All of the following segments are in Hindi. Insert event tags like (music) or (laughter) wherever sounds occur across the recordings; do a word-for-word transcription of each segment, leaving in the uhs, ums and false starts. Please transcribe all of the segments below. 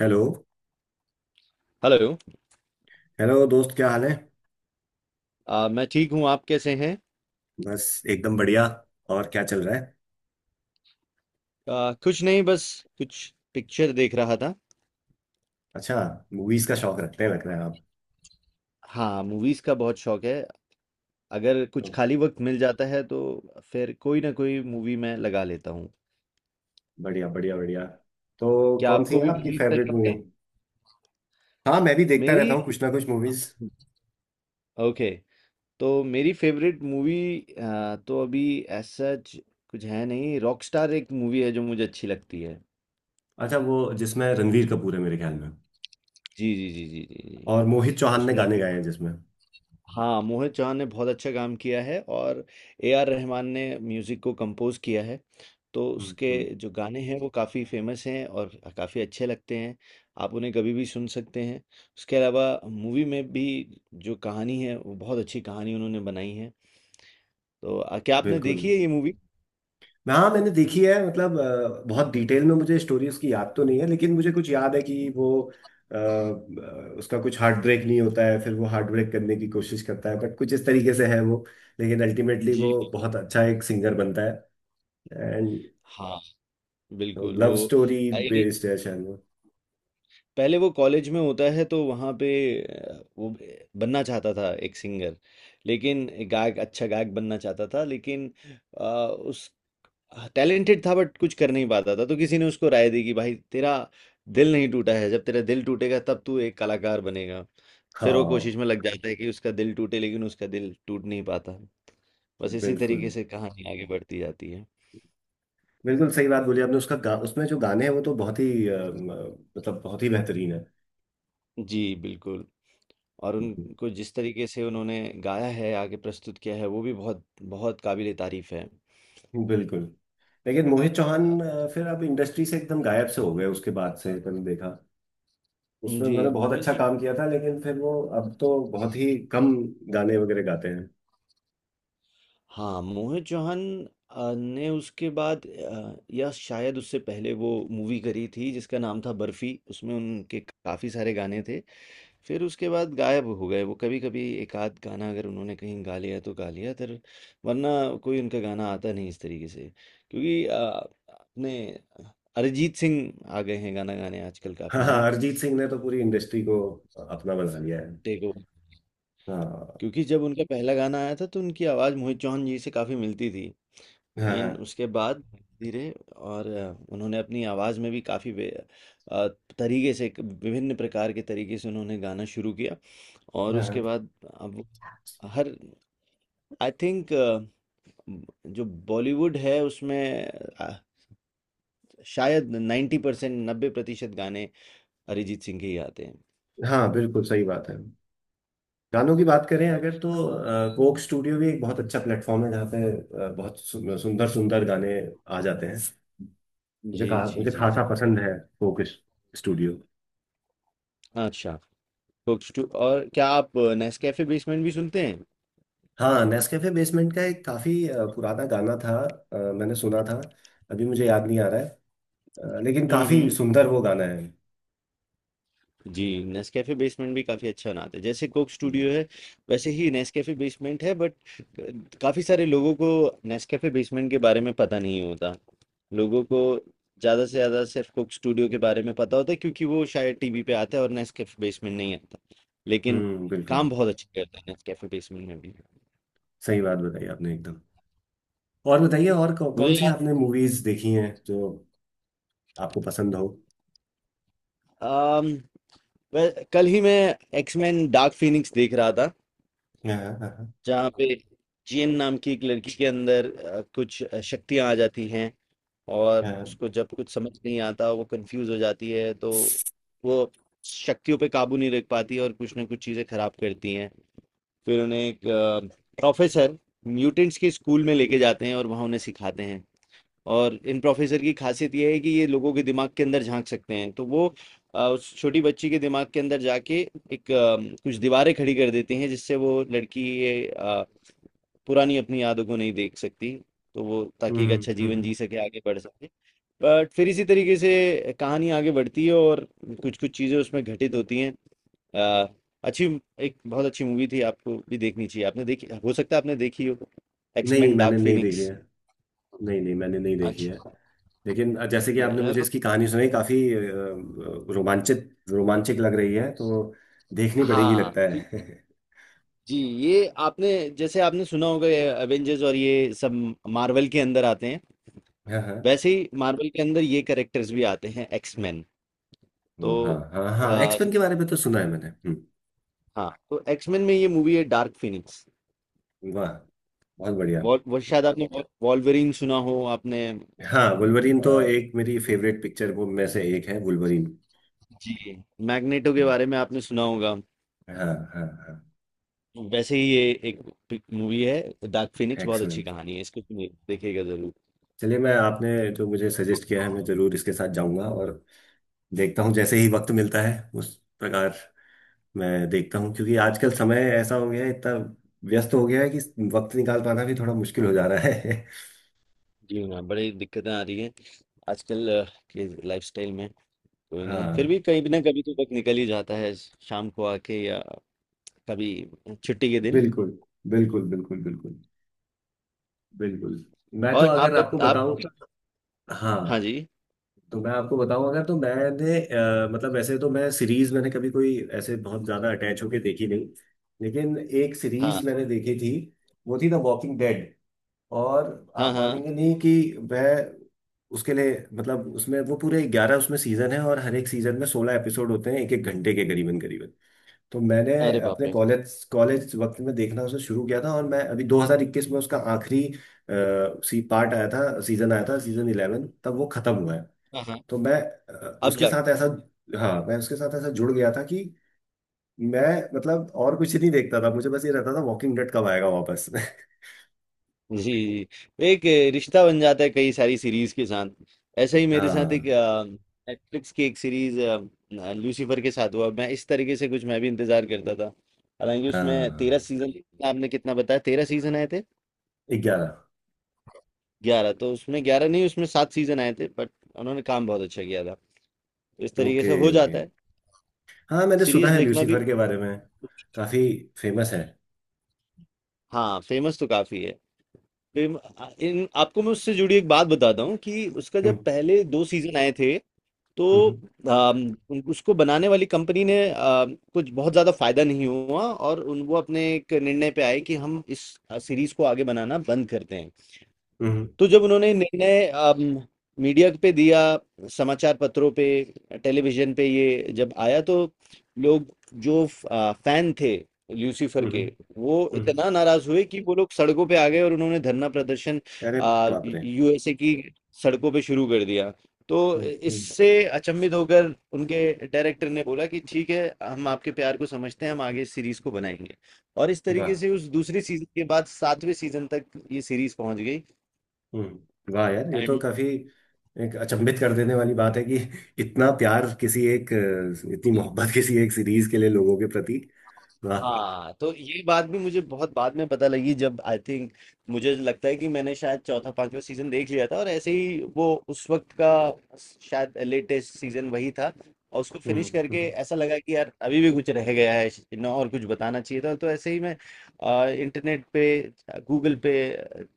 हेलो। हेलो। हेलो दोस्त, क्या हाल है। अ, मैं ठीक हूँ। आप कैसे हैं? बस एकदम बढ़िया। और क्या चल रहा है। अ, कुछ नहीं, बस कुछ पिक्चर देख रहा था। अच्छा। मूवीज का शौक रखते हैं लग रहा है आप। हाँ, मूवीज का बहुत शौक है। अगर कुछ तो खाली वक्त मिल जाता है तो फिर कोई ना कोई मूवी मैं लगा लेता हूँ। बढ़िया बढ़िया बढ़िया। तो क्या कौन सी आपको है भी आपकी मूवीज का फेवरेट शौक मूवी। है? हाँ मैं भी देखता रहता मेरी। हूँ कुछ ना कुछ मूवीज। ओके। तो मेरी फेवरेट मूवी। तो अभी ऐसा ज- कुछ है नहीं। रॉकस्टार एक मूवी है जो मुझे अच्छी लगती है। अच्छा, वो जिसमें रणवीर कपूर है मेरे ख्याल में। जी, जी, जी, जी, जी, जी। और मोहित चौहान ने उसमें, गाने गाए हैं जिसमें। हाँ मोहित चौहान ने बहुत अच्छा काम किया है। और ए आर रहमान ने म्यूज़िक को कंपोज किया है। तो हम्म, उसके हम्म। जो गाने हैं वो काफ़ी फेमस हैं और काफ़ी अच्छे लगते हैं। आप उन्हें कभी भी सुन सकते हैं। उसके अलावा मूवी में भी जो कहानी है वो बहुत अच्छी कहानी उन्होंने बनाई है। तो आ, क्या आपने बिल्कुल। देखी है ये मूवी? हाँ मैंने देखी है, मतलब अ, बहुत डिटेल में मुझे स्टोरी उसकी याद तो नहीं है, लेकिन मुझे कुछ याद है कि वो अ, अ, उसका कुछ हार्ट ब्रेक नहीं होता है, फिर वो हार्ट ब्रेक करने की कोशिश करता है बट कुछ इस तरीके से है वो। लेकिन अल्टीमेटली जी वो बिल्कुल। बहुत अच्छा एक सिंगर बनता है। एंड हाँ बिल्कुल। लव वो स्टोरी बेस्ड है शायद वो। पहले वो कॉलेज में होता है तो वहाँ पे अ, वो ब- बनना चाहता था एक सिंगर। लेकिन एक गायक, अच्छा गायक बनना चाहता था, लेकिन अ, उस टैलेंटेड था बट कुछ कर नहीं पाता था। तो किसी ने उसको राय दी कि भाई तेरा दिल नहीं टूटा है, जब तेरा दिल टूटेगा तब तू एक कलाकार बनेगा। फिर वो कोशिश हाँ में लग (laughs) जाता है कि उसका दिल टूटे, लेकिन उसका दिल टूट नहीं पाता। बस इसी तरीके बिल्कुल। से कहानी आगे बढ़ती जाती है। बिल्कुल सही बात बोली आपने, उसका गा, उसमें जो गाने हैं वो तो बहुत ही अ, म, मतलब बहुत ही बेहतरीन है। जी बिल्कुल। और हम्म, हम्म। उनको जिस तरीके से उन्होंने गाया है, आगे प्रस्तुत किया है, वो भी बहुत बहुत काबिले तारीफ है। बिल्कुल। लेकिन मोहित अ, चौहान अ, फिर अब इंडस्ट्री से एकदम गायब से हो गए उसके बाद से, मैंने देखा उसमें जी। उन्होंने बहुत अच्छा मोहित, काम किया था लेकिन फिर वो अब तो बहुत ही कम गाने वगैरह गाते हैं। हाँ मोहित चौहान अ, ने उसके बाद, अ, या शायद उससे पहले, वो मूवी करी थी जिसका नाम था बर्फी। उसमें उनके काफ़ी सारे गाने थे। फिर उसके बाद गायब हो गए। वो कभी कभी एक आध गाना अगर उन्होंने कहीं गा लिया तो गा लिया, तर वरना कोई उनका गाना आता नहीं इस तरीके से। क्योंकि अ, अपने अरिजीत सिंह आ गए हैं गाना गाने आजकल काफ़ी, हाँ है हाँ, ना। अरिजीत सिंह ने तो पूरी इंडस्ट्री को अपना बना लिया है। Take over. हाँ क्योंकि जब उनका पहला गाना आया था तो उनकी आवाज़ मोहित चौहान जी से काफ़ी मिलती थी। हाँ हाँ लेकिन उसके बाद धीरे और अ, उन्होंने अपनी आवाज़ में भी काफ़ी तरीके से, एक विभिन्न प्रकार के तरीके से उन्होंने गाना शुरू किया। और हाँ हाँ, उसके बाद अब वो हर, आई थिंक, जो बॉलीवुड है उसमें अ, शायद नाइन्टी परसेंट, नब्बे प्रतिशत गाने अरिजीत सिंह के ही आते हैं। हाँ, बिल्कुल सही बात है। गानों की बात करें अगर तो अ, कोक स्टूडियो भी एक बहुत अच्छा प्लेटफॉर्म है जहाँ पे अ, बहुत सु- सुंदर सुंदर गाने आ जाते हैं। मुझे जी, कहा, जी, मुझे जी, जी। खासा पसंद है कोक स्टूडियो। अच्छा। कोक स्टू, और क्या आप नेस्कैफे बेसमेंट भी सुनते हैं? हाँ, नेस्कैफे बेसमेंट का एक काफी अ, पुराना गाना था। अ, मैंने सुना था, अभी मुझे याद नहीं आ रहा है। अ, लेकिन काफी हम्म। सुंदर वो गाना है। जी, नेस्कैफ़े बेसमेंट भी काफ़ी अच्छा बनाते हैं। जैसे कोक हम्म, स्टूडियो है, वैसे ही नेस्कैफ़े बेसमेंट है, बट क काफ़ी सारे लोगों को नेस्कैफ़े बेसमेंट के बारे में पता नहीं होता। लोगों को ज़्यादा से ज़्यादा सिर्फ़ कोक स्टूडियो के बारे में पता होता है, क्योंकि वो शायद टीवी पे आता है और नेस्कैफ़े बेसमेंट नहीं आता। लेकिन हम्म। बिल्कुल काम बहुत अच्छा करता है नेस्कैफ़े बेसमेंट में भी। सही बात बताई आपने एकदम। और बताइए, और कौ, मुझे कौन सी याद, आपने मूवीज देखी हैं जो आपको पसंद हो। अम, व कल ही मैं एक्समेन डार्क फीनिक्स देख रहा था, हाँ हाँ जहाँ पे जीएन नाम की एक लड़की के अंदर अ, कुछ शक्तियाँ आ जाती हैं। और हाँ। उसको जब कुछ समझ नहीं आता, वो कंफ्यूज हो जाती है, तो वो शक्तियों पे काबू नहीं रख पाती और कुछ ना कुछ चीज़ें खराब करती हैं। फिर उन्हें एक प्रोफेसर म्यूटेंट्स के स्कूल में लेके जाते हैं और वहाँ उन्हें सिखाते हैं। और इन प्रोफेसर की खासियत ये है कि ये लोगों के दिमाग के अंदर झांक सकते हैं। तो वो अ, उस छोटी बच्ची के दिमाग के अंदर जाके एक, अ, कुछ दीवारें खड़ी कर देते हैं जिससे वो लड़की ये अ, पुरानी अपनी यादों को नहीं देख सकती, तो वो, ताकि एक हम्म, अच्छा जीवन हम्म। जी सके, आगे बढ़ सके। बट फिर इसी तरीके से कहानी आगे बढ़ती है और कुछ कुछ चीज़ें उसमें घटित होती हैं। अ, अच्छी, एक बहुत अच्छी मूवी थी। आपको भी देखनी चाहिए, आपने देखी हो सकता है, आपने देखी हो। नहीं एक्समैन मैंने डार्क नहीं देखी फिनिक्स। है। नहीं नहीं, मैंने नहीं देखी है। अच्छा। लेकिन जैसे कि नहीं, आपने मैं मुझे तो। इसकी कहानी सुनाई, काफी अ, रोमांचित रोमांचक लग रही है, तो देखनी पड़ेगी हाँ। लगता ठीक- है। जी। ये आपने, जैसे आपने सुना होगा, ये एवेंजर्स और ये सब मार्वल के अंदर आते हैं। (laughs) हाँ वैसे ही मार्वल के अंदर ये कैरेक्टर्स भी आते हैं, एक्समैन। तो हाँ। हाँ हाँ, आ, एक्सपेन के बारे में तो सुना है मैंने, हम्म। हाँ, तो एक्समैन में ये मूवी है डार्क फिनिक्स। वाह, बहुत बढ़िया। वॉल वो शायद आपने वॉल्वरिन सुना हो आपने। हाँ, वुल्वरीन तो अ, एक मेरी फेवरेट पिक्चर वो में से एक है, वुल्वरीन। जी। मैग्नेटो के बारे में आपने सुना होगा। हाँ हाँ हाँ, वैसे ही ये एक मूवी है डार्क फिनिक्स। बहुत अच्छी एक्समेन। कहानी है, इसको सुनिए, देखिएगा जरूर। चलिए, मैं आपने जो मुझे सजेस्ट किया है मैं जरूर इसके साथ जाऊंगा और देखता हूँ जैसे ही वक्त मिलता है। उस प्रकार मैं देखता हूँ, क्योंकि आजकल समय ऐसा हो गया है, इतना व्यस्त हो गया है कि वक्त निकाल पाना भी थोड़ा मुश्किल हो जा रहा है। जी ना, बड़ी दिक्कतें आ रही है आजकल अ, के लाइफस्टाइल में। (laughs) कोई नहीं, फिर हाँ, भी कहीं ना कभी तो वक्त निकल ही जाता है, शाम को आके या कभी छुट्टी के दिन। बिल्कुल बिल्कुल बिल्कुल। बिल्कुल बिल्कुल। मैं तो और अगर आप आपको आप बताऊं। हाँ हाँ, जी। तो मैं आपको बताऊं अगर, तो मैंने अ, मतलब वैसे तो मैं सीरीज मैंने कभी कोई ऐसे बहुत ज्यादा अटैच होके देखी नहीं। लेकिन एक हाँ, सीरीज मैंने देखी थी, वो थी द वॉकिंग डेड। और हाँ, आप हाँ। मानेंगे नहीं कि वह उसके लिए, मतलब उसमें वो पूरे ग्यारह उसमें सीजन है और हर एक सीजन में सोलह एपिसोड होते हैं, एक एक घंटे के करीबन करीबन। तो मैंने अरे बाप अपने रे। कॉलेज कॉलेज वक्त में देखना उसे शुरू किया था और मैं अभी दो हज़ार इक्कीस में उसका आखिरी अ, सी पार्ट आया था सीजन आया था, सीजन इलेवन, तब वो खत्म हुआ है। हाँ, हाँ। तो मैं अ, अब उसके जाके। साथ ऐसा। हाँ, मैं उसके साथ ऐसा जुड़ गया था कि मैं, मतलब और कुछ नहीं देखता था, मुझे बस ये रहता था वॉकिंग डेड कब आएगा वापस। (laughs) जी। एक रिश्ता बन जाता है कई सारी सीरीज के साथ। ऐसा ही मेरे साथ एक हाँ नेटफ्लिक्स की एक सीरीज लूसीफर के साथ हुआ, मैं इस तरीके से कुछ, मैं भी इंतजार करता था। हालांकि उसमें तेरह हाँ, सीजन आपने कितना बताया, तेरह सीजन आए थे? ग्यारह। ग्यारह? तो उसमें ग्यारह नहीं, उसमें सात सीजन आए थे, बट उन्होंने काम बहुत अच्छा किया था। तो इस तरीके ओके से हो ओके। जाता है हाँ मैंने सुना सीरीज है देखना भी। लूसीफर के बारे में। काफी फेमस है। हाँ, फेमस तो काफी है। फेम, इन आपको मैं उससे जुड़ी एक बात बताता हूँ कि उसका जब हम्म, पहले दो सीजन आए थे तो हम्म, अम, उन- उसको बनाने वाली कंपनी ने, अ, कुछ बहुत ज़्यादा फायदा नहीं हुआ और उन वो अपने एक निर्णय पे आए कि हम इस सीरीज को आगे बनाना बंद करते हैं। हम्म, तो जब उन्होंने निर्णय अम, मीडिया पे दिया, समाचार पत्रों पे, टेलीविजन पे ये जब आया, तो लोग जो आ, फैन थे ल्यूसीफर हम्म, के, हम्म, वो हम्म। इतना नाराज हुए कि वो लोग सड़कों पे आ गए और उन्होंने धरना प्रदर्शन अरे आ, बाप रे। यूएसए की सड़कों पे शुरू कर दिया। तो हम्म, हम्म, इससे अचंभित होकर उनके डायरेक्टर ने बोला कि ठीक है, हम आपके प्यार को समझते हैं, हम आगे इस सीरीज को बनाएंगे। और इस वाह। तरीके से उस दूसरी सीजन के बाद सातवें सीजन तक ये सीरीज पहुंच हम्म, वाह यार, ये तो गई। काफी एक अचंभित कर देने वाली बात है कि (laughs) इतना प्यार किसी एक अ, इतनी मोहब्बत (laughs) किसी एक सीरीज के लिए लोगों के प्रति। वाह। हाँ, तो ये बात भी मुझे बहुत बाद में पता लगी, जब, आई थिंक, मुझे लगता है कि मैंने शायद चौथा पांचवा सीजन देख लिया था और ऐसे ही वो उस वक्त का शायद लेटेस्ट सीजन वही था। और उसको हम्म, फिनिश करके हम्म, ऐसा लगा कि यार अभी भी कुछ रह गया है ना, और कुछ बताना चाहिए था। तो ऐसे ही मैं इंटरनेट पे, गूगल पे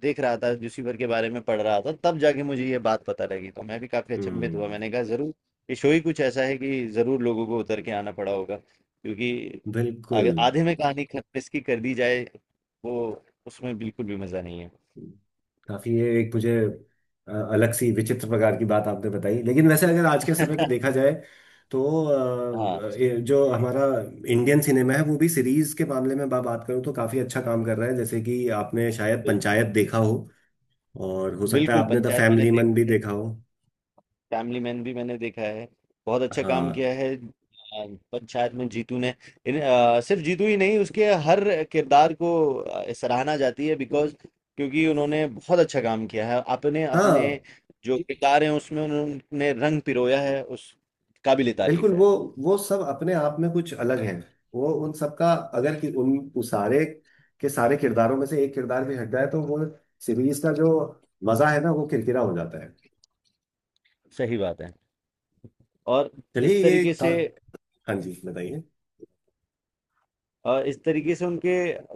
देख रहा था, लूसीफर के बारे में पढ़ रहा था, तब जाके मुझे ये बात पता लगी। तो मैं भी काफी अचंभित हुआ, हम्म। मैंने कहा जरूर ये शो ही कुछ ऐसा है कि जरूर लोगों को उतर के आना पड़ा होगा, क्योंकि बिल्कुल। अगर आधे में कहानी खत्म इसकी कर दी जाए, वो, उसमें बिल्कुल भी मजा नहीं है। काफी ये एक मुझे अ, अलग सी विचित्र प्रकार की बात आपने बताई, लेकिन वैसे अगर आज के समय पे देखा (laughs) जाए तो हाँ, अ, ये जो हमारा इंडियन सिनेमा है वो भी सीरीज के मामले में, मैं बात करूँ तो काफी अच्छा काम कर रहा है। जैसे कि आपने शायद तो पंचायत देखा हो और हो सकता है बिल्कुल, आपने द पंचायत मैंने फैमिली देखा मन भी है, देखा हो। फैमिली मैन भी मैंने देखा है। बहुत अच्छा काम किया हाँ है, आ, पंचायत में जीतू ने। इन, आ, सिर्फ जीतू ही नहीं, उसके हर किरदार को आ, सराहना जाती है, बिकॉज क्योंकि उन्होंने बहुत अच्छा काम किया है अपने अपने हाँ, जो किरदार हैं उसमें उन्होंने रंग पिरोया है उस, काबिले बिल्कुल। तारीफ है। वो वो सब अपने आप में कुछ अलग है। वो उन सबका, अगर कि उन उस सारे के सारे किरदारों में से एक किरदार भी हट जाए तो वो सीरीज का जो मजा है ना, वो किरकिरा हो जाता है। सही बात है। और चलिए इस ये तरीके का... से, हाँ जी, बताइए। अ, इस तरीके से उनके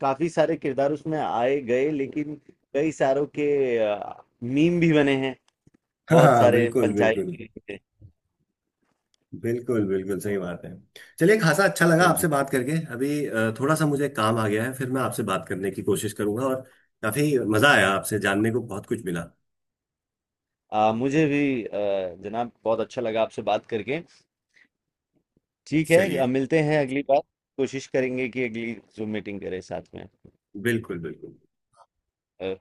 काफ़ी सारे किरदार उसमें आए गए लेकिन कई सारों के अ, मीम भी बने हैं, हाँ बहुत हाँ सारे बिल्कुल पंचायत बिल्कुल। के लिए। बिल्कुल बिल्कुल सही बात है। चलिए, खासा अच्छा लगा जी, जी। आपसे बात करके, अभी अ, थोड़ा सा मुझे काम आ गया है, फिर मैं आपसे बात करने की कोशिश करूंगा और काफी मजा आया, आपसे जानने को बहुत कुछ मिला। अ, मुझे भी, अ, जनाब, बहुत अच्छा लगा आपसे बात करके। ठीक है, चलिए, अ, मिलते हैं अगली बार, कोशिश करेंगे कि अगली ज़ूम मीटिंग करें साथ में। बिल्कुल बिल्कुल। अ